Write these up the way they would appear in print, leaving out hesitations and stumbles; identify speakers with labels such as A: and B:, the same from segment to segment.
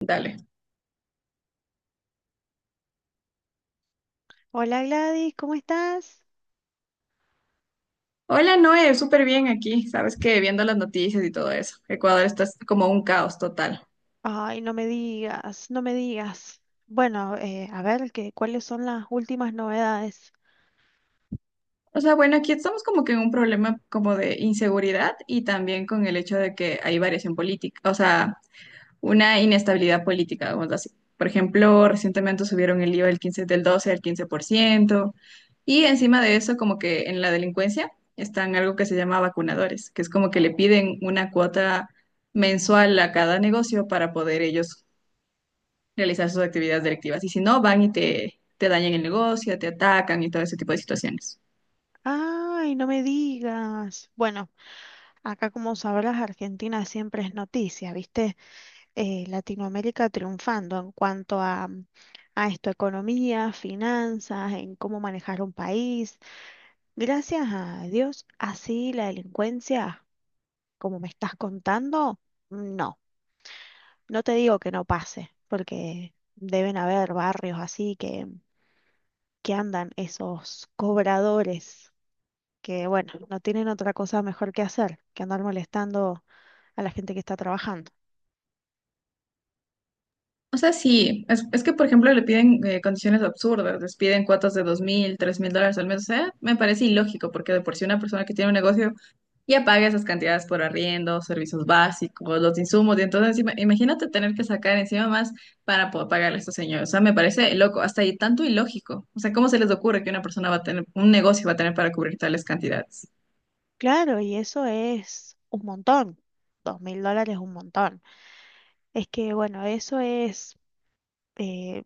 A: Dale.
B: Hola Gladys, ¿cómo estás?
A: Hola, Noé, súper bien aquí. Sabes que viendo las noticias y todo eso, Ecuador está como un caos total.
B: Ay, no me digas, no me digas. Bueno, a ver, ¿cuáles son las últimas novedades?
A: O sea, bueno, aquí estamos como que en un problema como de inseguridad y también con el hecho de que hay variación política, o sea, una inestabilidad política, vamos a decir. Por ejemplo, recientemente subieron el IVA del 12 al 15%, y encima de eso, como que en la delincuencia están algo que se llama vacunadores, que es como que le piden una cuota mensual a cada negocio para poder ellos realizar sus actividades delictivas. Y si no, van y te dañan el negocio, te atacan y todo ese tipo de situaciones.
B: Ay, no me digas. Bueno, acá como sabrás, Argentina siempre es noticia, ¿viste? Latinoamérica triunfando en cuanto a esto, economía, finanzas, en cómo manejar un país. Gracias a Dios, así la delincuencia, como me estás contando, no. No te digo que no pase, porque deben haber barrios así que andan esos cobradores que, bueno, no tienen otra cosa mejor que hacer que andar molestando a la gente que está trabajando.
A: O sea, sí, es que, por ejemplo, le piden condiciones absurdas, les piden cuotas de 2.000, 3.000 dólares al mes. O sea, me parece ilógico porque de por sí una persona que tiene un negocio ya paga esas cantidades por arriendo, servicios básicos, los insumos. Y entonces, imagínate tener que sacar encima más para poder pagarle a estos señores. O sea, me parece loco, hasta ahí tanto ilógico. O sea, ¿cómo se les ocurre que una persona va a tener, un negocio va a tener para cubrir tales cantidades?
B: Claro, y eso es un montón. $2000 es un montón. Es que, bueno, eso es eh,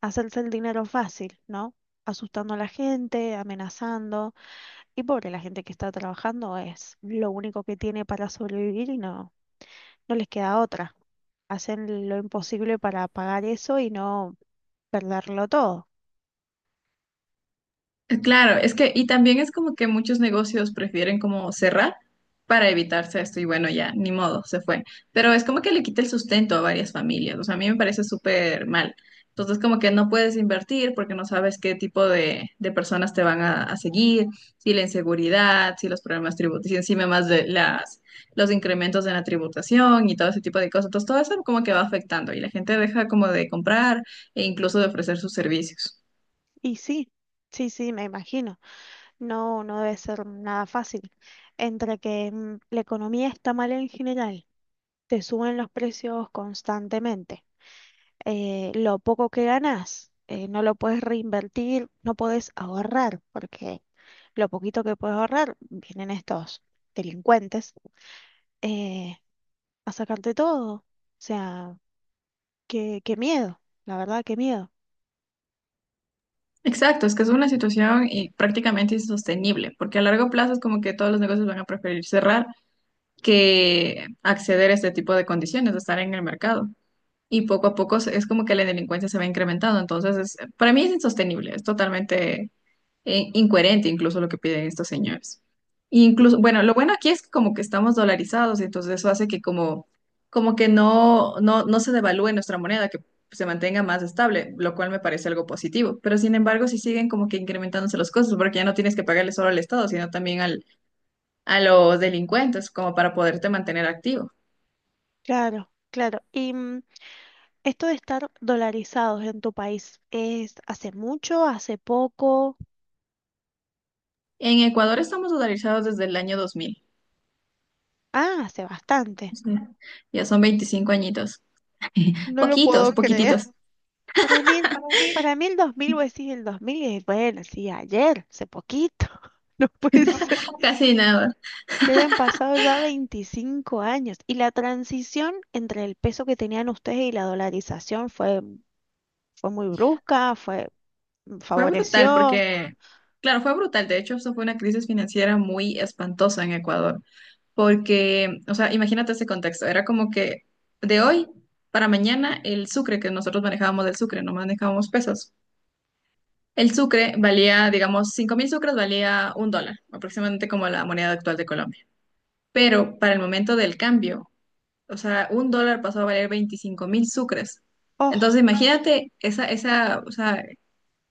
B: hacerse el dinero fácil, ¿no? Asustando a la gente, amenazando, y pobre, la gente que está trabajando es lo único que tiene para sobrevivir y no les queda otra. Hacen lo imposible para pagar eso y no perderlo todo.
A: Claro, es que, y también es como que muchos negocios prefieren como cerrar para evitarse esto, y bueno, ya, ni modo, se fue. Pero es como que le quita el sustento a varias familias, o sea, a mí me parece súper mal. Entonces, como que no puedes invertir porque no sabes qué tipo de personas te van a seguir, si la inseguridad, si los problemas tributarios, si encima más los incrementos en la tributación y todo ese tipo de cosas. Entonces, todo eso como que va afectando y la gente deja como de comprar e incluso de ofrecer sus servicios.
B: Y sí, sí, sí, me imagino. No, no debe ser nada fácil. Entre que la economía está mal en general, te suben los precios constantemente. Eh, lo poco que ganás, no lo puedes reinvertir, no podés ahorrar, porque lo poquito que puedes ahorrar, vienen estos delincuentes eh, a sacarte todo. O sea, qué, qué miedo, la verdad, qué miedo.
A: Exacto, es que es una situación prácticamente insostenible, porque a largo plazo es como que todos los negocios van a preferir cerrar que acceder a este tipo de condiciones, de estar en el mercado. Y poco a poco es como que la delincuencia se va incrementando, entonces para mí es insostenible, es totalmente incoherente incluso lo que piden estos señores.
B: Eh,
A: Incluso, bueno, lo bueno aquí es que como que estamos dolarizados, entonces eso hace que como que no se devalúe nuestra moneda, que se mantenga más estable, lo cual me parece algo positivo. Pero sin embargo, si siguen como que incrementándose los costos, porque ya no tienes que pagarle solo al Estado, sino también a los delincuentes, como para poderte mantener activo.
B: Claro, claro. Y esto de estar dolarizados en tu país, ¿es hace mucho, hace poco?
A: En Ecuador estamos dolarizados desde el año 2000.
B: Ah, hace bastante.
A: O sea, ya son 25 añitos.
B: No lo
A: Poquitos,
B: puedo creer.
A: poquititos,
B: Para mí, para mí el 2000 vos decís el 2000, y bueno, sí, ayer, hace poquito. No puede ser.
A: casi nada.
B: Que hayan pasado ya 25 años. Y la transición entre el peso que tenían ustedes y la dolarización fue fue muy brusca, fue,
A: Fue brutal
B: favoreció.
A: porque, claro, fue brutal. De hecho, eso fue una crisis financiera muy espantosa en Ecuador, porque, o sea, imagínate ese contexto. Era como que de hoy para mañana el sucre que nosotros manejábamos del sucre, no manejábamos pesos. El sucre valía, digamos, 5.000 sucres valía un dólar, aproximadamente como la moneda actual de Colombia. Pero para el momento del cambio, o sea, un dólar pasó a valer 25.000 sucres. Entonces,
B: Oh,
A: imagínate o sea,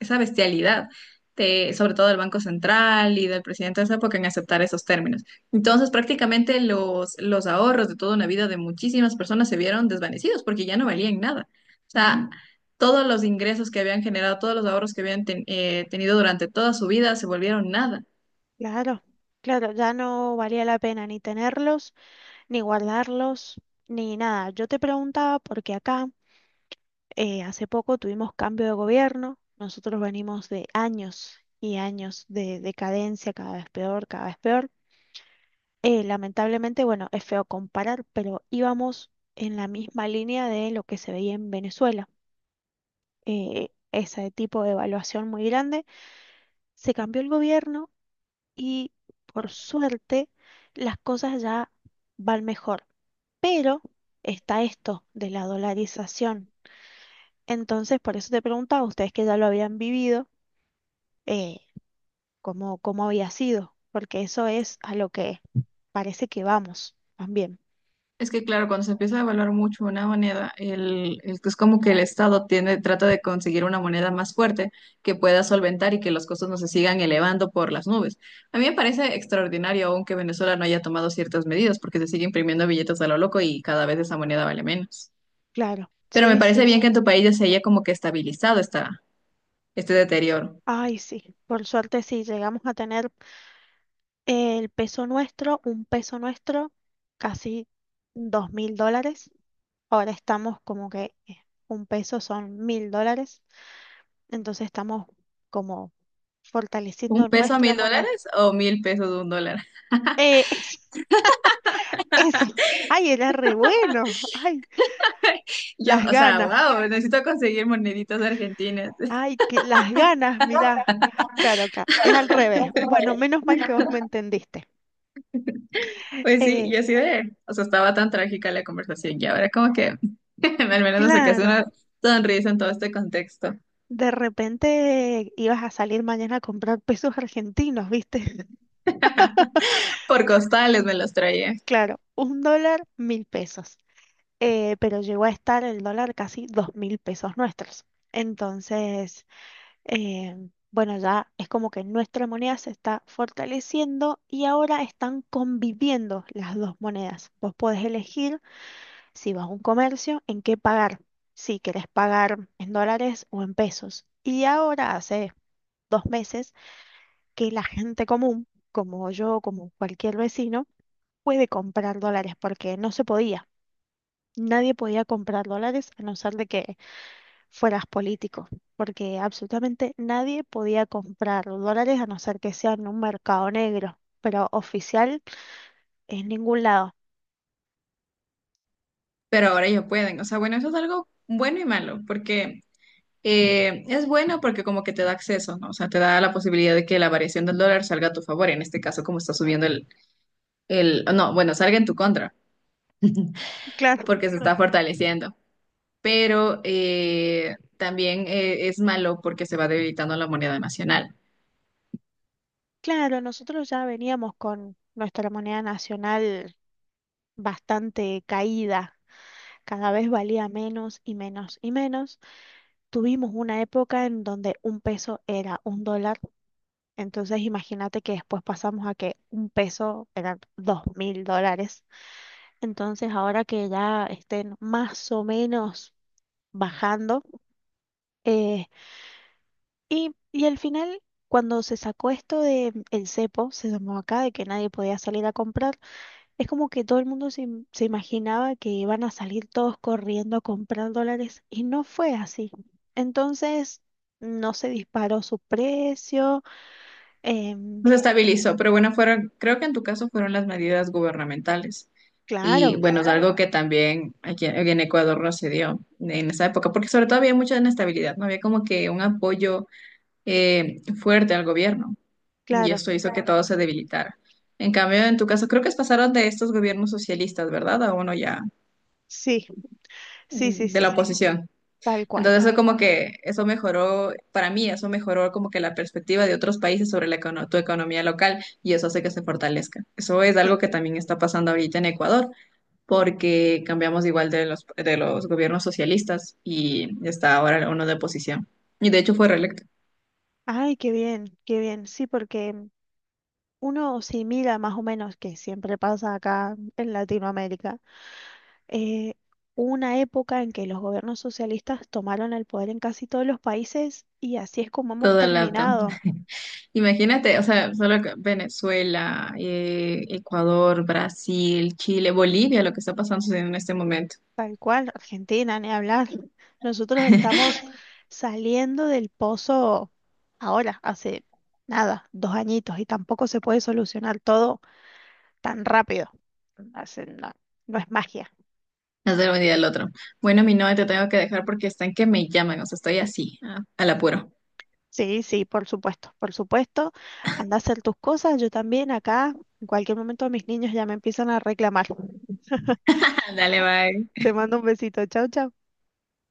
A: esa bestialidad, de, sobre todo del Banco Central y del presidente de esa época en aceptar esos términos. Entonces, prácticamente los ahorros de toda una vida de muchísimas personas se vieron desvanecidos porque ya no valían nada. O sea, todos los ingresos que habían generado, todos los ahorros que habían tenido durante toda su vida se volvieron nada.
B: claro, claro, ya no valía la pena ni tenerlos, ni guardarlos, ni nada. Yo te preguntaba porque acá hace poco tuvimos cambio de gobierno. Nosotros venimos de años y años de decadencia, cada vez peor, cada vez peor. Lamentablemente, bueno, es feo comparar, pero íbamos en la misma línea de lo que se veía en Venezuela. Ese tipo de evaluación muy grande. Se cambió el gobierno y por suerte las cosas ya van mejor. Pero está esto de la dolarización. Entonces, por eso te preguntaba, ustedes que ya lo habían vivido, eh, ¿cómo, cómo había sido? Porque eso es a lo que parece que vamos también.
A: Es que claro, cuando se empieza a evaluar mucho una moneda, es como que el Estado tiene, trata de conseguir una moneda más fuerte que pueda solventar y que los costos no se sigan elevando por las nubes. A mí me parece extraordinario aún que Venezuela no haya tomado ciertas medidas porque se sigue imprimiendo billetes a lo loco y cada vez esa moneda vale menos.
B: Claro,
A: Pero me
B: sí,
A: parece
B: sí.
A: bien que en tu país ya se haya como que estabilizado este deterioro.
B: Ay, sí. Por suerte sí, llegamos a tener el peso nuestro, un peso nuestro, casi $2000. Ahora estamos como que un peso son $1000, entonces estamos como
A: ¿Un
B: fortaleciendo
A: peso a
B: nuestra
A: 1.000
B: moneda.
A: dólares o 1.000 pesos a un dólar?
B: Eh, eso, ay, era re bueno, ay,
A: Yo,
B: las
A: o sea,
B: ganas,
A: wow, necesito conseguir moneditas argentinas.
B: ay, que las ganas, mirá. Claro, claro, es al revés. Bueno, menos mal que vos me entendiste.
A: Pues sí,
B: Eh,
A: yo así de, o sea, estaba tan trágica la conversación y ahora como que al menos me sacaste
B: claro,
A: una sonrisa en todo este contexto.
B: de repente ibas a salir mañana a comprar pesos argentinos, ¿viste?
A: Por costales me los traía,
B: Claro, un dólar, 1000 pesos. Pero llegó a estar el dólar casi 2000 pesos nuestros. Entonces, eh, bueno, ya es como que nuestra moneda se está fortaleciendo y ahora están conviviendo las dos monedas. Vos podés elegir si vas a un comercio, en qué pagar, si querés pagar en dólares o en pesos. Y ahora hace 2 meses que la gente común, como yo, como cualquier vecino, puede comprar dólares porque no se podía. Nadie podía comprar dólares a no ser de que fueras político, porque absolutamente nadie podía comprar dólares a no ser que sea en un mercado negro, pero oficial en ningún lado.
A: pero ahora ya pueden. O sea, bueno, eso es algo bueno y malo, porque es bueno porque como que te da acceso, ¿no? O sea, te da la posibilidad de que la variación del dólar salga a tu favor, en este caso como está subiendo no, bueno, salga en tu contra,
B: Claro.
A: porque se está fortaleciendo. Pero también es malo porque se va debilitando la moneda nacional.
B: Claro, nosotros ya veníamos con nuestra moneda nacional bastante caída, cada vez valía menos y menos y menos. Tuvimos una época en donde un peso era un dólar, entonces imagínate que después pasamos a que un peso eran $2000. Entonces, ahora que ya estén más o menos bajando, eh, y al final, cuando se sacó esto de el cepo, se llamó acá, de que nadie podía salir a comprar, es como que todo el mundo se, se imaginaba que iban a salir todos corriendo a comprar dólares, y no fue así. Entonces, no se disparó su precio. em,
A: Se estabilizó, pero bueno, fueron, creo que en tu caso fueron las medidas gubernamentales. Y
B: claro,
A: bueno, es algo que también aquí en Ecuador no se dio en esa época, porque sobre todo había mucha inestabilidad, no había como que un apoyo fuerte al gobierno, y
B: claro,
A: esto hizo que todo se debilitara. En cambio, en tu caso, creo que pasaron de estos gobiernos socialistas, ¿verdad? A uno ya
B: sí, sí, sí,
A: de la
B: sí,
A: oposición.
B: tal cual.
A: Entonces eso como que, eso mejoró, para mí eso mejoró como que la perspectiva de otros países sobre tu economía local y eso hace que se fortalezca. Eso es
B: Sí.
A: algo que también está pasando ahorita en Ecuador, porque cambiamos igual de los gobiernos socialistas y está ahora uno de oposición. Y de hecho fue reelecto.
B: Ay, qué bien, qué bien. Sí, porque uno simila más o menos, que siempre pasa acá en Latinoamérica, eh, una época en que los gobiernos socialistas tomaron el poder en casi todos los países y así es como hemos
A: Todo el lado.
B: terminado,
A: Imagínate, o sea, solo que Venezuela, Ecuador, Brasil, Chile, Bolivia, lo que está pasando en este momento.
B: tal cual, Argentina, ni hablar. Nosotros estamos saliendo del pozo ahora, hace nada, 2 añitos, y tampoco se puede solucionar todo tan rápido. No no es magia.
A: No sé un día del otro. Bueno, mi novia, te tengo que dejar porque están que me llaman, o sea, estoy así, al apuro.
B: Sí, sí, por supuesto, por supuesto. Anda a hacer tus cosas, yo también acá. En cualquier momento mis niños ya me empiezan a reclamar.
A: Dale, bye.
B: Te mando un besito. Chau, chau.